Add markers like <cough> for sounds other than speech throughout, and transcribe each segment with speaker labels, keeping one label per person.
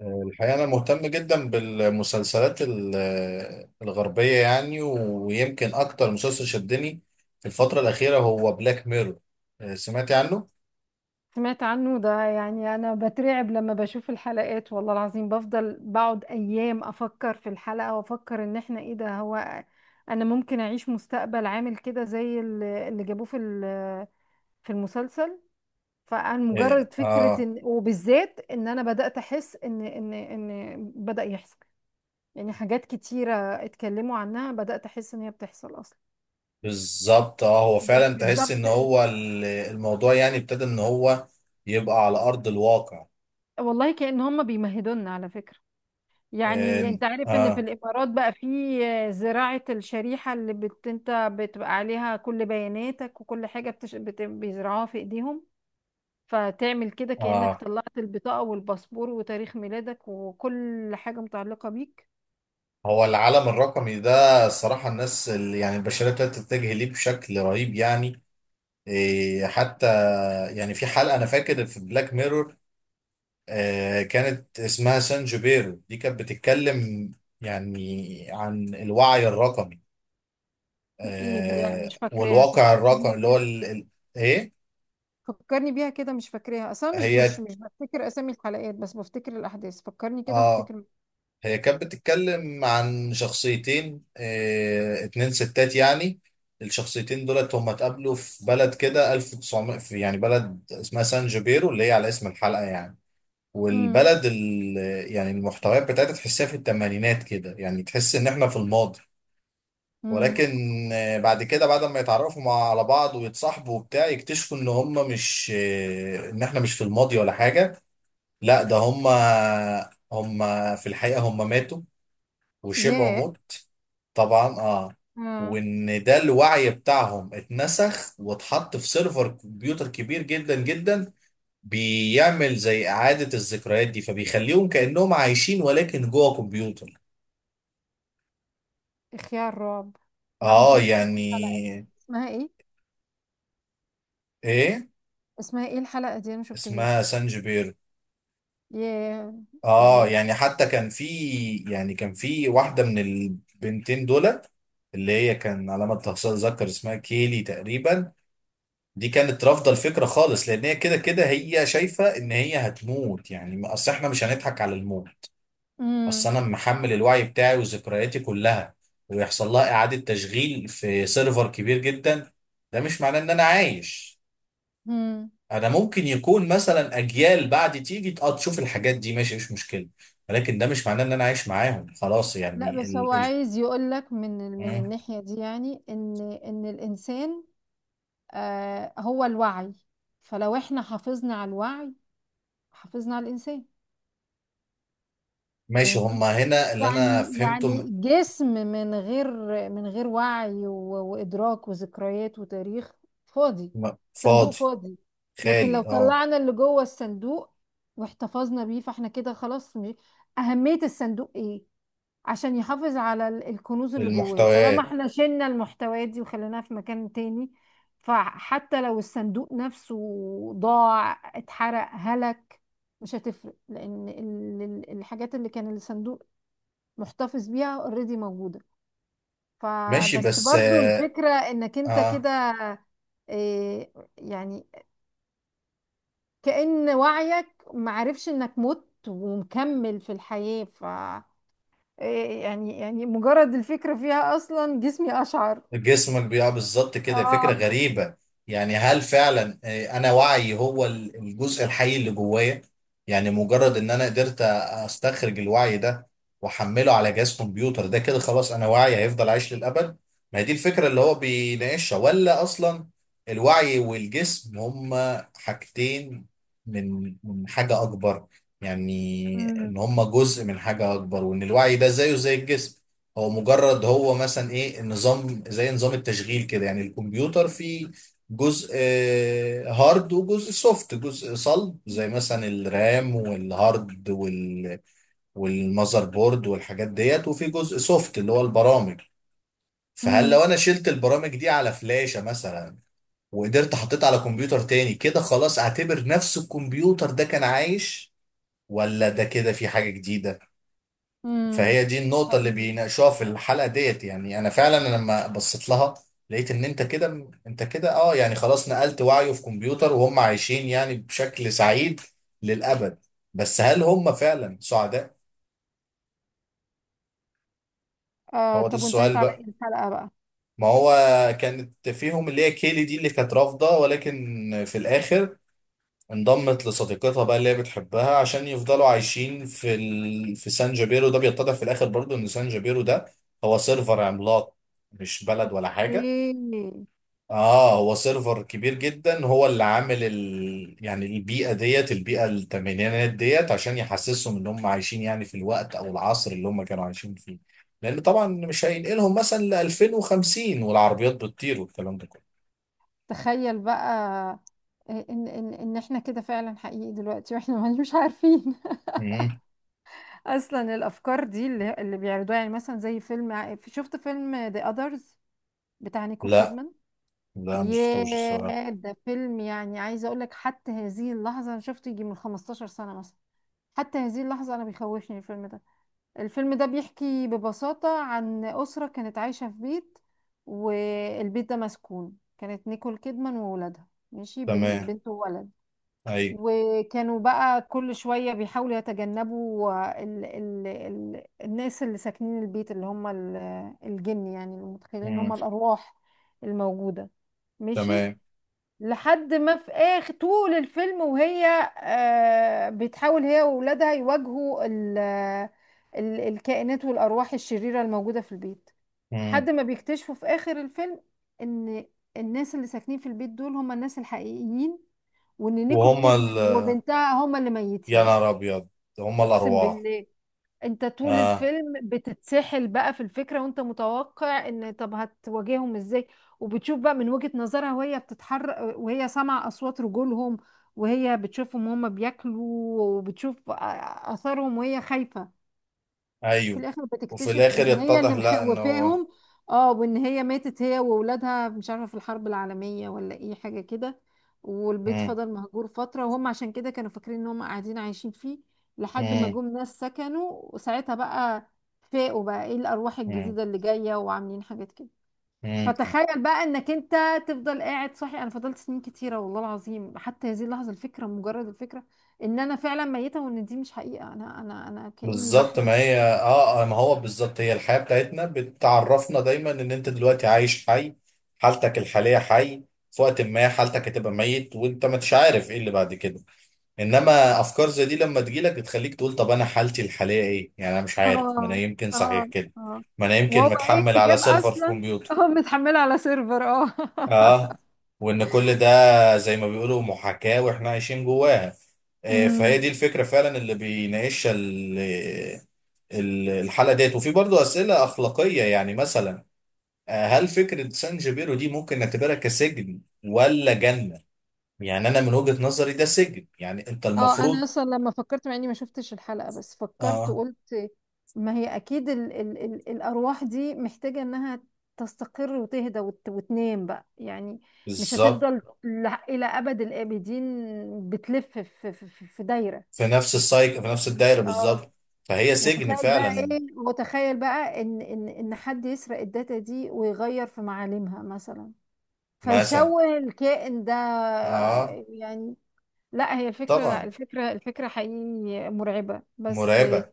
Speaker 1: الحقيقة أنا مهتم جدا بالمسلسلات الغربية، يعني. ويمكن أكتر مسلسل شدني في الفترة الأخيرة هو بلاك ميرور. سمعتي عنه؟
Speaker 2: سمعت عنه ده، يعني انا بترعب لما بشوف الحلقات، والله العظيم بفضل بقعد ايام افكر في الحلقة وافكر ان احنا ايه ده. هو انا ممكن اعيش مستقبل عامل كده زي اللي جابوه في في المسلسل. فانا
Speaker 1: آه،
Speaker 2: مجرد فكرة
Speaker 1: آه،
Speaker 2: ان، وبالذات ان انا بدأت احس ان بدأ يحصل يعني حاجات كتيرة اتكلموا عنها، بدأت احس ان هي بتحصل اصلا.
Speaker 1: بالظبط. آه، هو
Speaker 2: يعني
Speaker 1: فعلا تحس
Speaker 2: بالظبط،
Speaker 1: إن هو الموضوع، يعني، ابتدى إن هو يبقى على أرض الواقع.
Speaker 2: والله كأن هم بيمهدونا على فكرة. يعني
Speaker 1: آه،
Speaker 2: انت عارف ان في
Speaker 1: آه،
Speaker 2: الامارات بقى في زراعة الشريحة اللي انت بتبقى عليها كل بياناتك وكل حاجة بيزرعوها في ايديهم، فتعمل كده كأنك
Speaker 1: آه،
Speaker 2: طلعت البطاقة والباسبور وتاريخ ميلادك وكل حاجة متعلقة بيك.
Speaker 1: هو العالم الرقمي ده الصراحة الناس اللي، يعني، البشرية ابتدت تتجه ليه بشكل رهيب، يعني. آه، حتى، يعني، في حلقة أنا فاكر في بلاك ميرور، آه، كانت اسمها سان جوبيرو، دي كانت بتتكلم يعني عن الوعي الرقمي،
Speaker 2: ايه دي؟ لا،
Speaker 1: آه،
Speaker 2: مش فاكراها،
Speaker 1: والواقع
Speaker 2: فكرني
Speaker 1: الرقمي
Speaker 2: بيها
Speaker 1: اللي هو
Speaker 2: كده.
Speaker 1: ايه،
Speaker 2: فكرني بيها كده، مش فاكراها اصلا، مش مش
Speaker 1: هي
Speaker 2: مش بفتكر اسامي الحلقات بس بفتكر الاحداث. فكرني كده
Speaker 1: اه
Speaker 2: وافتكر.
Speaker 1: هي كانت بتتكلم عن شخصيتين، اتنين ستات، يعني. الشخصيتين دولت هم اتقابلوا في بلد كده 1900، في يعني بلد اسمها سان جوبيرو، اللي هي على اسم الحلقة يعني.
Speaker 2: امم.
Speaker 1: والبلد يعني المحتويات بتاعتها تحسها في الثمانينات، كده يعني، تحس ان احنا في الماضي.
Speaker 2: امم.
Speaker 1: ولكن بعد كده، بعد ما يتعرفوا مع على بعض ويتصاحبوا وبتاع، يكتشفوا ان هم مش، ان احنا مش في الماضي ولا حاجة. لا، ده هم، هم في الحقيقة هم ماتوا وشبعوا
Speaker 2: ياه.
Speaker 1: موت. طبعا. اه
Speaker 2: آه.
Speaker 1: وان ده الوعي بتاعهم اتنسخ واتحط في سيرفر كمبيوتر كبير جدا جدا، بيعمل زي إعادة الذكريات دي، فبيخليهم كأنهم عايشين ولكن جوه كمبيوتر.
Speaker 2: خيال رعب. لا، ما
Speaker 1: اه،
Speaker 2: شفتهاش الحلقة دي،
Speaker 1: يعني،
Speaker 2: اسمها ايه؟
Speaker 1: ايه،
Speaker 2: اسمها ايه الحلقة دي؟ انا ما
Speaker 1: اسمها
Speaker 2: شفتهاش.
Speaker 1: سانجبير.
Speaker 2: ياه.
Speaker 1: اه،
Speaker 2: يعني.
Speaker 1: يعني، حتى كان في، يعني، كان في واحدة من البنتين دولت، اللي هي كان على ما اتذكر اسمها كيلي تقريبا. دي كانت رافضة الفكرة خالص، لان هي كده كده هي شايفة ان هي هتموت، يعني. اصل احنا مش هنضحك على الموت. اصل
Speaker 2: امم.
Speaker 1: انا محمل الوعي بتاعي وذكرياتي كلها، ويحصل لها اعادة تشغيل في سيرفر كبير جدا، ده مش معناه ان انا عايش.
Speaker 2: امم.
Speaker 1: انا ممكن يكون مثلا اجيال بعد تيجي، اه، تشوف الحاجات دي، ماشي، مش مشكله. ولكن ده مش معناه ان انا عايش معاهم خلاص،
Speaker 2: لا
Speaker 1: يعني
Speaker 2: بس هو عايز يقول لك من من
Speaker 1: مم.
Speaker 2: الناحية دي يعني ان الانسان آه هو الوعي. فلو احنا حافظنا على الوعي، حافظنا على الانسان.
Speaker 1: ماشي،
Speaker 2: فاهمني؟
Speaker 1: هما هنا اللي انا
Speaker 2: يعني
Speaker 1: فهمته
Speaker 2: يعني جسم من غير من غير وعي وإدراك وذكريات وتاريخ، فاضي. صندوق
Speaker 1: فاضي،
Speaker 2: فاضي. لكن لو
Speaker 1: خالي. اه،
Speaker 2: طلعنا اللي جوه الصندوق واحتفظنا بيه فاحنا كده خلاص. أهمية الصندوق ايه؟ عشان يحافظ على الكنوز اللي جواه. طالما
Speaker 1: المحتويات.
Speaker 2: احنا شلنا المحتويات دي وخليناها في مكان تاني، فحتى لو الصندوق نفسه ضاع، اتحرق، هلك، مش هتفرق، لأن الحاجات اللي كان الصندوق محتفظ بيها اوريدي موجودة.
Speaker 1: ماشي،
Speaker 2: فبس
Speaker 1: بس،
Speaker 2: برضو
Speaker 1: اه.
Speaker 2: الفكرة انك انت
Speaker 1: آه.
Speaker 2: كده، إيه، يعني كأن وعيك معرفش انك مت ومكمل في الحياة. ف إيه، يعني، مجرد الفكرة فيها اصلا جسمي اشعر.
Speaker 1: جسمك بيقع بالظبط، كده فكرة
Speaker 2: اه.
Speaker 1: غريبة. يعني، هل فعلا، آه، انا وعي هو الجزء الحي اللي جوايا؟ يعني مجرد ان انا قدرت استخرج الوعي ده واحمله على جهاز كمبيوتر، ده كده خلاص انا وعي هيفضل عايش للابد. ما هي دي الفكرة اللي هو بيناقشها، ولا اصلا الوعي والجسم هما حاجتين من حاجة اكبر؟ يعني ان
Speaker 2: امم.
Speaker 1: هما جزء من حاجة اكبر، وان الوعي ده زيه زي الجسم. هو مجرد، هو مثلا، ايه، النظام زي نظام التشغيل كده، يعني الكمبيوتر فيه جزء، هارد وجزء سوفت، جزء صلب زي مثلا الرام والهارد وال والمذر بورد والحاجات ديت، وفي جزء سوفت اللي هو البرامج. فهل لو
Speaker 2: امم.
Speaker 1: انا شلت البرامج دي على فلاشة مثلا وقدرت حطيت على كمبيوتر تاني، كده خلاص اعتبر نفس الكمبيوتر ده كان عايش، ولا ده كده في حاجة جديدة؟
Speaker 2: امم.
Speaker 1: فهي دي النقطة اللي بيناقشوها في الحلقة ديت، يعني. أنا فعلا أنا لما بصيت لها لقيت إن أنت كده أنت كده، أه، يعني، خلاص نقلت وعيه في كمبيوتر وهم عايشين يعني بشكل سعيد للأبد. بس هل هم فعلا سعداء؟
Speaker 2: آه،
Speaker 1: هو ده
Speaker 2: طب وانتهت
Speaker 1: السؤال
Speaker 2: على ايه
Speaker 1: بقى.
Speaker 2: الحلقة بقى؟
Speaker 1: ما هو كانت فيهم اللي هي كيلي دي اللي كانت رافضة، ولكن في الآخر انضمت لصديقتها بقى اللي هي بتحبها عشان يفضلوا عايشين في في سان جابيرو. ده بيتضح في الآخر برضو إن سان جابيرو ده هو سيرفر عملاق، مش بلد ولا حاجة.
Speaker 2: اوكي.
Speaker 1: اه، هو سيرفر كبير جدا، هو اللي عامل يعني البيئه ديت، البيئه الثمانينات ديت، عشان يحسسهم ان هم عايشين يعني في الوقت او العصر اللي هم كانوا عايشين فيه. لان طبعا مش هينقلهم مثلا ل 2050 والعربيات بتطير والكلام ده كله.
Speaker 2: تخيل بقى آه، ان احنا كده فعلا حقيقي دلوقتي واحنا مش عارفين. <laughs>
Speaker 1: مم.
Speaker 2: اصلا الافكار دي اللي بيعرضوها، يعني مثلا زي فيلم شفت فيلم ذا اذرز بتاع نيكول
Speaker 1: لا،
Speaker 2: كيدمان؟
Speaker 1: لا، مش شفتوش الصراحه.
Speaker 2: ياه، ده فيلم، يعني عايزه اقول لك حتى هذه اللحظه انا شفته يجي من 15 سنه مثلا، حتى هذه اللحظه انا بيخوفني الفيلم ده. الفيلم ده بيحكي ببساطه عن اسره كانت عايشه في بيت، والبيت ده مسكون. كانت نيكول كيدمان وولادها، ماشي،
Speaker 1: تمام.
Speaker 2: بنت وولد.
Speaker 1: اي.
Speaker 2: وكانوا بقى كل شوية بيحاولوا يتجنبوا ال الناس اللي ساكنين البيت، اللي هم الجن يعني، اللي متخيلين ان هم
Speaker 1: مم.
Speaker 2: الأرواح الموجودة، ماشي.
Speaker 1: تمام.
Speaker 2: لحد ما في آخر طول الفيلم وهي آه بتحاول هي وولادها يواجهوا ال الكائنات والأرواح الشريرة الموجودة في البيت،
Speaker 1: مم.
Speaker 2: لحد ما بيكتشفوا في آخر الفيلم إن الناس اللي ساكنين في البيت دول هم الناس الحقيقيين، وان نيكول
Speaker 1: وهم
Speaker 2: كيدمان وبنتها هما اللي
Speaker 1: يا
Speaker 2: ميتين.
Speaker 1: نهار ابيض، هم
Speaker 2: اقسم
Speaker 1: الارواح.
Speaker 2: بالله، انت طول
Speaker 1: اه.
Speaker 2: الفيلم بتتسحل بقى في الفكرة، وانت متوقع ان طب هتواجههم ازاي، وبتشوف بقى من وجهة نظرها وهي بتتحرك وهي سامعة اصوات رجولهم، وهي بتشوفهم هما بياكلوا، وبتشوف اثرهم وهي خايفة. في
Speaker 1: ايوه.
Speaker 2: الاخر
Speaker 1: وفي
Speaker 2: بتكتشف
Speaker 1: الاخر
Speaker 2: ان هي
Speaker 1: يتضح
Speaker 2: اللي
Speaker 1: لا ان هو،
Speaker 2: مخوفاهم. اه، وان هي ماتت هي واولادها، مش عارفه في الحرب العالميه ولا ايه حاجه كده. والبيت
Speaker 1: مم.
Speaker 2: فضل مهجور فتره، وهم عشان كده كانوا فاكرين ان هم قاعدين عايشين فيه، لحد ما
Speaker 1: مم.
Speaker 2: جم ناس سكنوا، وساعتها بقى فاقوا بقى ايه الارواح
Speaker 1: مم.
Speaker 2: الجديده اللي جايه وعاملين حاجات كده.
Speaker 1: مم.
Speaker 2: فتخيل بقى انك انت تفضل قاعد صاحي. انا فضلت سنين كتيره والله العظيم، حتى هذه اللحظه الفكره، مجرد الفكره ان انا فعلا ميته وان دي مش حقيقه، انا انا كاني
Speaker 1: بالظبط. ما
Speaker 2: بحلم.
Speaker 1: هي، اه، آه، ما هو بالظبط، هي الحياة بتاعتنا بتعرفنا دايما ان انت دلوقتي عايش، حي. حالتك الحالية حي. في وقت ما حالتك هتبقى ميت وانت ما انتش عارف ايه اللي بعد كده. انما افكار زي دي لما تجيلك بتخليك تقول طب انا حالتي الحالية ايه، يعني انا مش عارف، ما انا
Speaker 2: اه.
Speaker 1: يمكن صحيح
Speaker 2: اه.
Speaker 1: كده.
Speaker 2: اه.
Speaker 1: ما انا يمكن
Speaker 2: وهو ايه
Speaker 1: متحمل
Speaker 2: اللي
Speaker 1: على
Speaker 2: جاب
Speaker 1: سيرفر في
Speaker 2: اصلا؟ <laughs>
Speaker 1: كمبيوتر.
Speaker 2: اه متحمله على سيرفر اه.
Speaker 1: اه.
Speaker 2: <laughs>
Speaker 1: وان كل ده، زي ما بيقولوا، محاكاة واحنا عايشين جواها. آه، فهي دي
Speaker 2: امم.
Speaker 1: الفكرة فعلا اللي بيناقشها. الحالة ديت. وفي برضه أسئلة أخلاقية، يعني مثلا، آه، هل فكرة سان جيبيرو دي ممكن نعتبرها كسجن ولا جنة؟ يعني أنا من وجهة نظري ده سجن. يعني أنت
Speaker 2: اه انا
Speaker 1: المفروض.
Speaker 2: اصلا لما فكرت، مع اني ما شفتش الحلقه بس فكرت
Speaker 1: آه،
Speaker 2: وقلت، ما هي اكيد ال الارواح دي محتاجه انها تستقر وتهدى وتنام بقى يعني، مش
Speaker 1: بالظبط.
Speaker 2: هتفضل الى ابد الابدين بتلف في في دايره.
Speaker 1: في نفس السايك، في نفس الدايرة،
Speaker 2: اه،
Speaker 1: بالظبط. فهي سجن
Speaker 2: وتخيل بقى
Speaker 1: فعلا.
Speaker 2: ايه، وتخيل بقى ان ان حد يسرق الداتا دي ويغير في معالمها مثلا،
Speaker 1: مثلا.
Speaker 2: فيشوه الكائن ده.
Speaker 1: آه.
Speaker 2: يعني لا هي الفكرة، لا
Speaker 1: طبعا.
Speaker 2: الفكرة، الفكرة حقيقي مرعبة، بس
Speaker 1: مرعبة.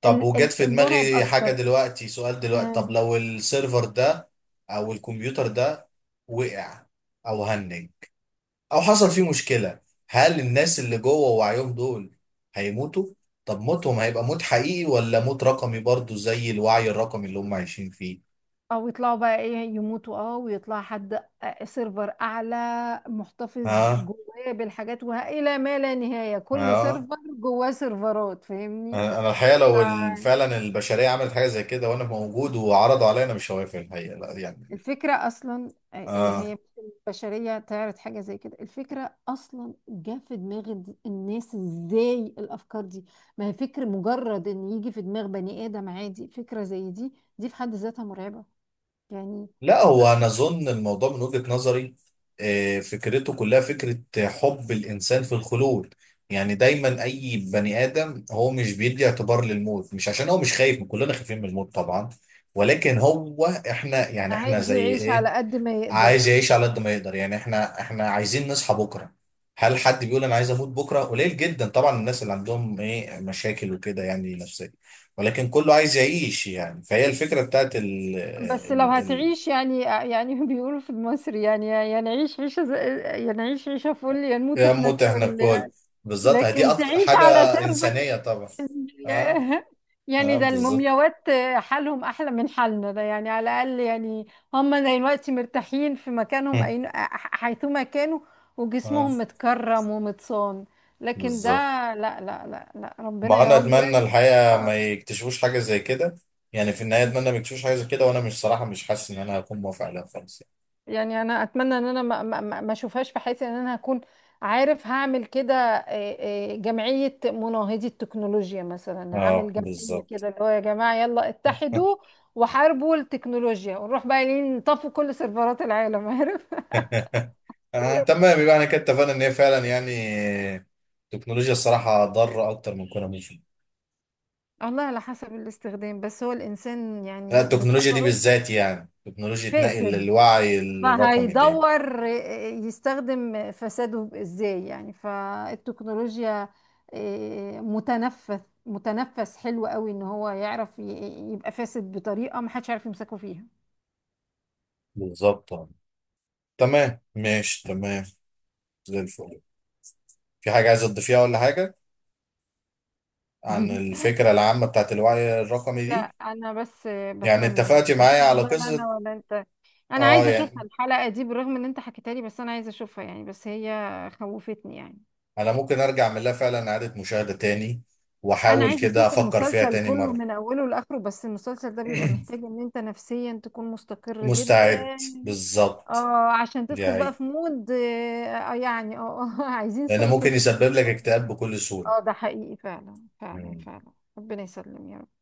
Speaker 1: طب، وجت في
Speaker 2: المرعب
Speaker 1: دماغي حاجة
Speaker 2: اكتر
Speaker 1: دلوقتي، سؤال دلوقتي: طب
Speaker 2: آه،
Speaker 1: لو السيرفر ده أو الكمبيوتر ده وقع أو هنج او حصل فيه مشكله، هل الناس اللي جوه وعيهم دول هيموتوا؟ طب موتهم هيبقى موت حقيقي ولا موت رقمي برضو زي الوعي الرقمي اللي هم عايشين فيه؟
Speaker 2: او يطلعوا بقى ايه يموتوا، اه ويطلع حد آه، سيرفر اعلى محتفظ
Speaker 1: ها.
Speaker 2: جواه بالحاجات، والى ما لا نهاية، كل
Speaker 1: ها.
Speaker 2: سيرفر جواه سيرفرات، فاهمني؟
Speaker 1: أنا الحقيقه لو فعلا البشريه عملت حاجه زي كده وانا موجود وعرضوا عليا، انا مش هوافق الحقيقه، لا، يعني.
Speaker 2: الفكرة أصلا آه، آه،
Speaker 1: اه.
Speaker 2: هي مش البشرية تعرض حاجة زي كده، الفكرة أصلا جه في دماغ الناس إزاي الأفكار دي؟ ما هي فكرة، مجرد إن يجي في دماغ بني آدم عادي فكرة زي دي، دي في حد ذاتها مرعبة يعني.
Speaker 1: لا، هو
Speaker 2: آه،
Speaker 1: انا اظن الموضوع من وجهة نظري، آه، فكرته كلها فكرة حب الانسان في الخلود. يعني دايما اي بني ادم هو مش بيدي اعتبار للموت، مش عشان هو مش خايف، كلنا خايفين من الموت طبعا. ولكن هو احنا، يعني، احنا
Speaker 2: عايز
Speaker 1: زي
Speaker 2: يعيش على
Speaker 1: ايه،
Speaker 2: قد ما يقدر.
Speaker 1: عايز يعيش على قد ما يقدر. يعني احنا عايزين نصحى بكرة. هل حد بيقول انا عايز اموت بكرة؟ قليل جدا طبعا، الناس اللي عندهم ايه مشاكل وكده، يعني نفسية. ولكن كله عايز يعيش، يعني، فهي الفكرة بتاعت
Speaker 2: بس لو
Speaker 1: ال.
Speaker 2: هتعيش، يعني يعني <laughs> بيقولوا في مصر يعني، نعيش عيشة يعني نعيش عيشة فل يا نموت
Speaker 1: يا
Speaker 2: احنا
Speaker 1: موت احنا
Speaker 2: الكل.
Speaker 1: الكل. بالظبط، هي دي
Speaker 2: لكن
Speaker 1: اكتر
Speaker 2: تعيش
Speaker 1: حاجه
Speaker 2: على سرب،
Speaker 1: انسانيه طبعا. اه.
Speaker 2: ياه. يعني
Speaker 1: اه،
Speaker 2: ده
Speaker 1: بالظبط.
Speaker 2: المومياوات حالهم احلى من حالنا ده، يعني على الاقل يعني هم دلوقتي مرتاحين في مكانهم
Speaker 1: هم.
Speaker 2: أين حيثما كانوا،
Speaker 1: اه،
Speaker 2: وجسمهم متكرم ومتصان. لكن ده
Speaker 1: بالظبط.
Speaker 2: لا لا، ربنا
Speaker 1: ما
Speaker 2: يا
Speaker 1: انا
Speaker 2: رب
Speaker 1: اتمنى
Speaker 2: يعني.
Speaker 1: الحقيقه ما يكتشفوش حاجه زي كده. يعني في النهايه اتمنى ما يكتشفوش حاجه زي كده، وانا مش صراحه مش حاسس ان انا هكون موافق عليها خالص يعني.
Speaker 2: يعني انا اتمنى ان انا ما اشوفهاش في حياتي، ان انا هكون عارف هعمل كده آه، آه، جمعية مناهضي التكنولوجيا مثلا،
Speaker 1: اه،
Speaker 2: هعمل جمعية
Speaker 1: بالظبط.
Speaker 2: كده اللي هو يا جماعة يلا اتحدوا
Speaker 1: <laughs>
Speaker 2: وحاربوا التكنولوجيا، ونروح بقى إيه نطفوا كل سيرفرات العالم، عارف؟
Speaker 1: آه، تمام. يبقى انا كده اتفقنا ان هي فعلا، يعني، التكنولوجيا الصراحه ضاره اكتر من كونها مفيده.
Speaker 2: <laughs> والله على حسب الاستخدام، بس هو الانسان
Speaker 1: لا،
Speaker 2: يعني
Speaker 1: التكنولوجيا دي
Speaker 2: بطبعه
Speaker 1: بالذات، يعني تكنولوجيا نقل
Speaker 2: فاسد،
Speaker 1: الوعي
Speaker 2: ما
Speaker 1: الرقمي دي.
Speaker 2: هيدور يستخدم فساده ازاي يعني، فالتكنولوجيا آه، متنفس، متنفس حلو قوي ان هو يعرف يبقى فاسد بطريقة ما حدش عارف يمسكه فيها.
Speaker 1: بالظبط. تمام، ماشي، تمام، زي الفل. في حاجة عايز تضيفيها ولا حاجة، عن
Speaker 2: <laughs>
Speaker 1: الفكرة العامة بتاعت الوعي الرقمي
Speaker 2: لا،
Speaker 1: دي؟
Speaker 2: انا بس
Speaker 1: يعني
Speaker 2: بتمنى ان
Speaker 1: اتفقتي
Speaker 2: ان
Speaker 1: معايا
Speaker 2: شاء
Speaker 1: على
Speaker 2: الله لا
Speaker 1: قصة.
Speaker 2: انا ولا انت. انا
Speaker 1: اه،
Speaker 2: عايزه اشوفها
Speaker 1: يعني،
Speaker 2: الحلقه دي بالرغم ان انت حكيتها لي، بس انا عايزه اشوفها يعني، بس هي خوفتني يعني.
Speaker 1: انا ممكن ارجع من لها فعلا اعادة مشاهدة تاني
Speaker 2: انا
Speaker 1: واحاول
Speaker 2: عايزه
Speaker 1: كده
Speaker 2: اشوف
Speaker 1: افكر فيها
Speaker 2: المسلسل
Speaker 1: تاني
Speaker 2: كله
Speaker 1: مرة.
Speaker 2: من اوله لاخره، بس المسلسل ده بيبقى
Speaker 1: <clears throat>
Speaker 2: محتاج ان انت نفسيا تكون مستقر جدا،
Speaker 1: مستعد. بالظبط.
Speaker 2: اه، عشان
Speaker 1: دي
Speaker 2: تدخل بقى
Speaker 1: هي.
Speaker 2: في مود آه، آه، يعني اه آه، <laughs> عايزين
Speaker 1: لان ممكن
Speaker 2: سايكاتري.
Speaker 1: يسبب لك اكتئاب بكل سهولة.
Speaker 2: اه ده حقيقي فعلا فعلا فعلا. ربنا يسلم يا رب.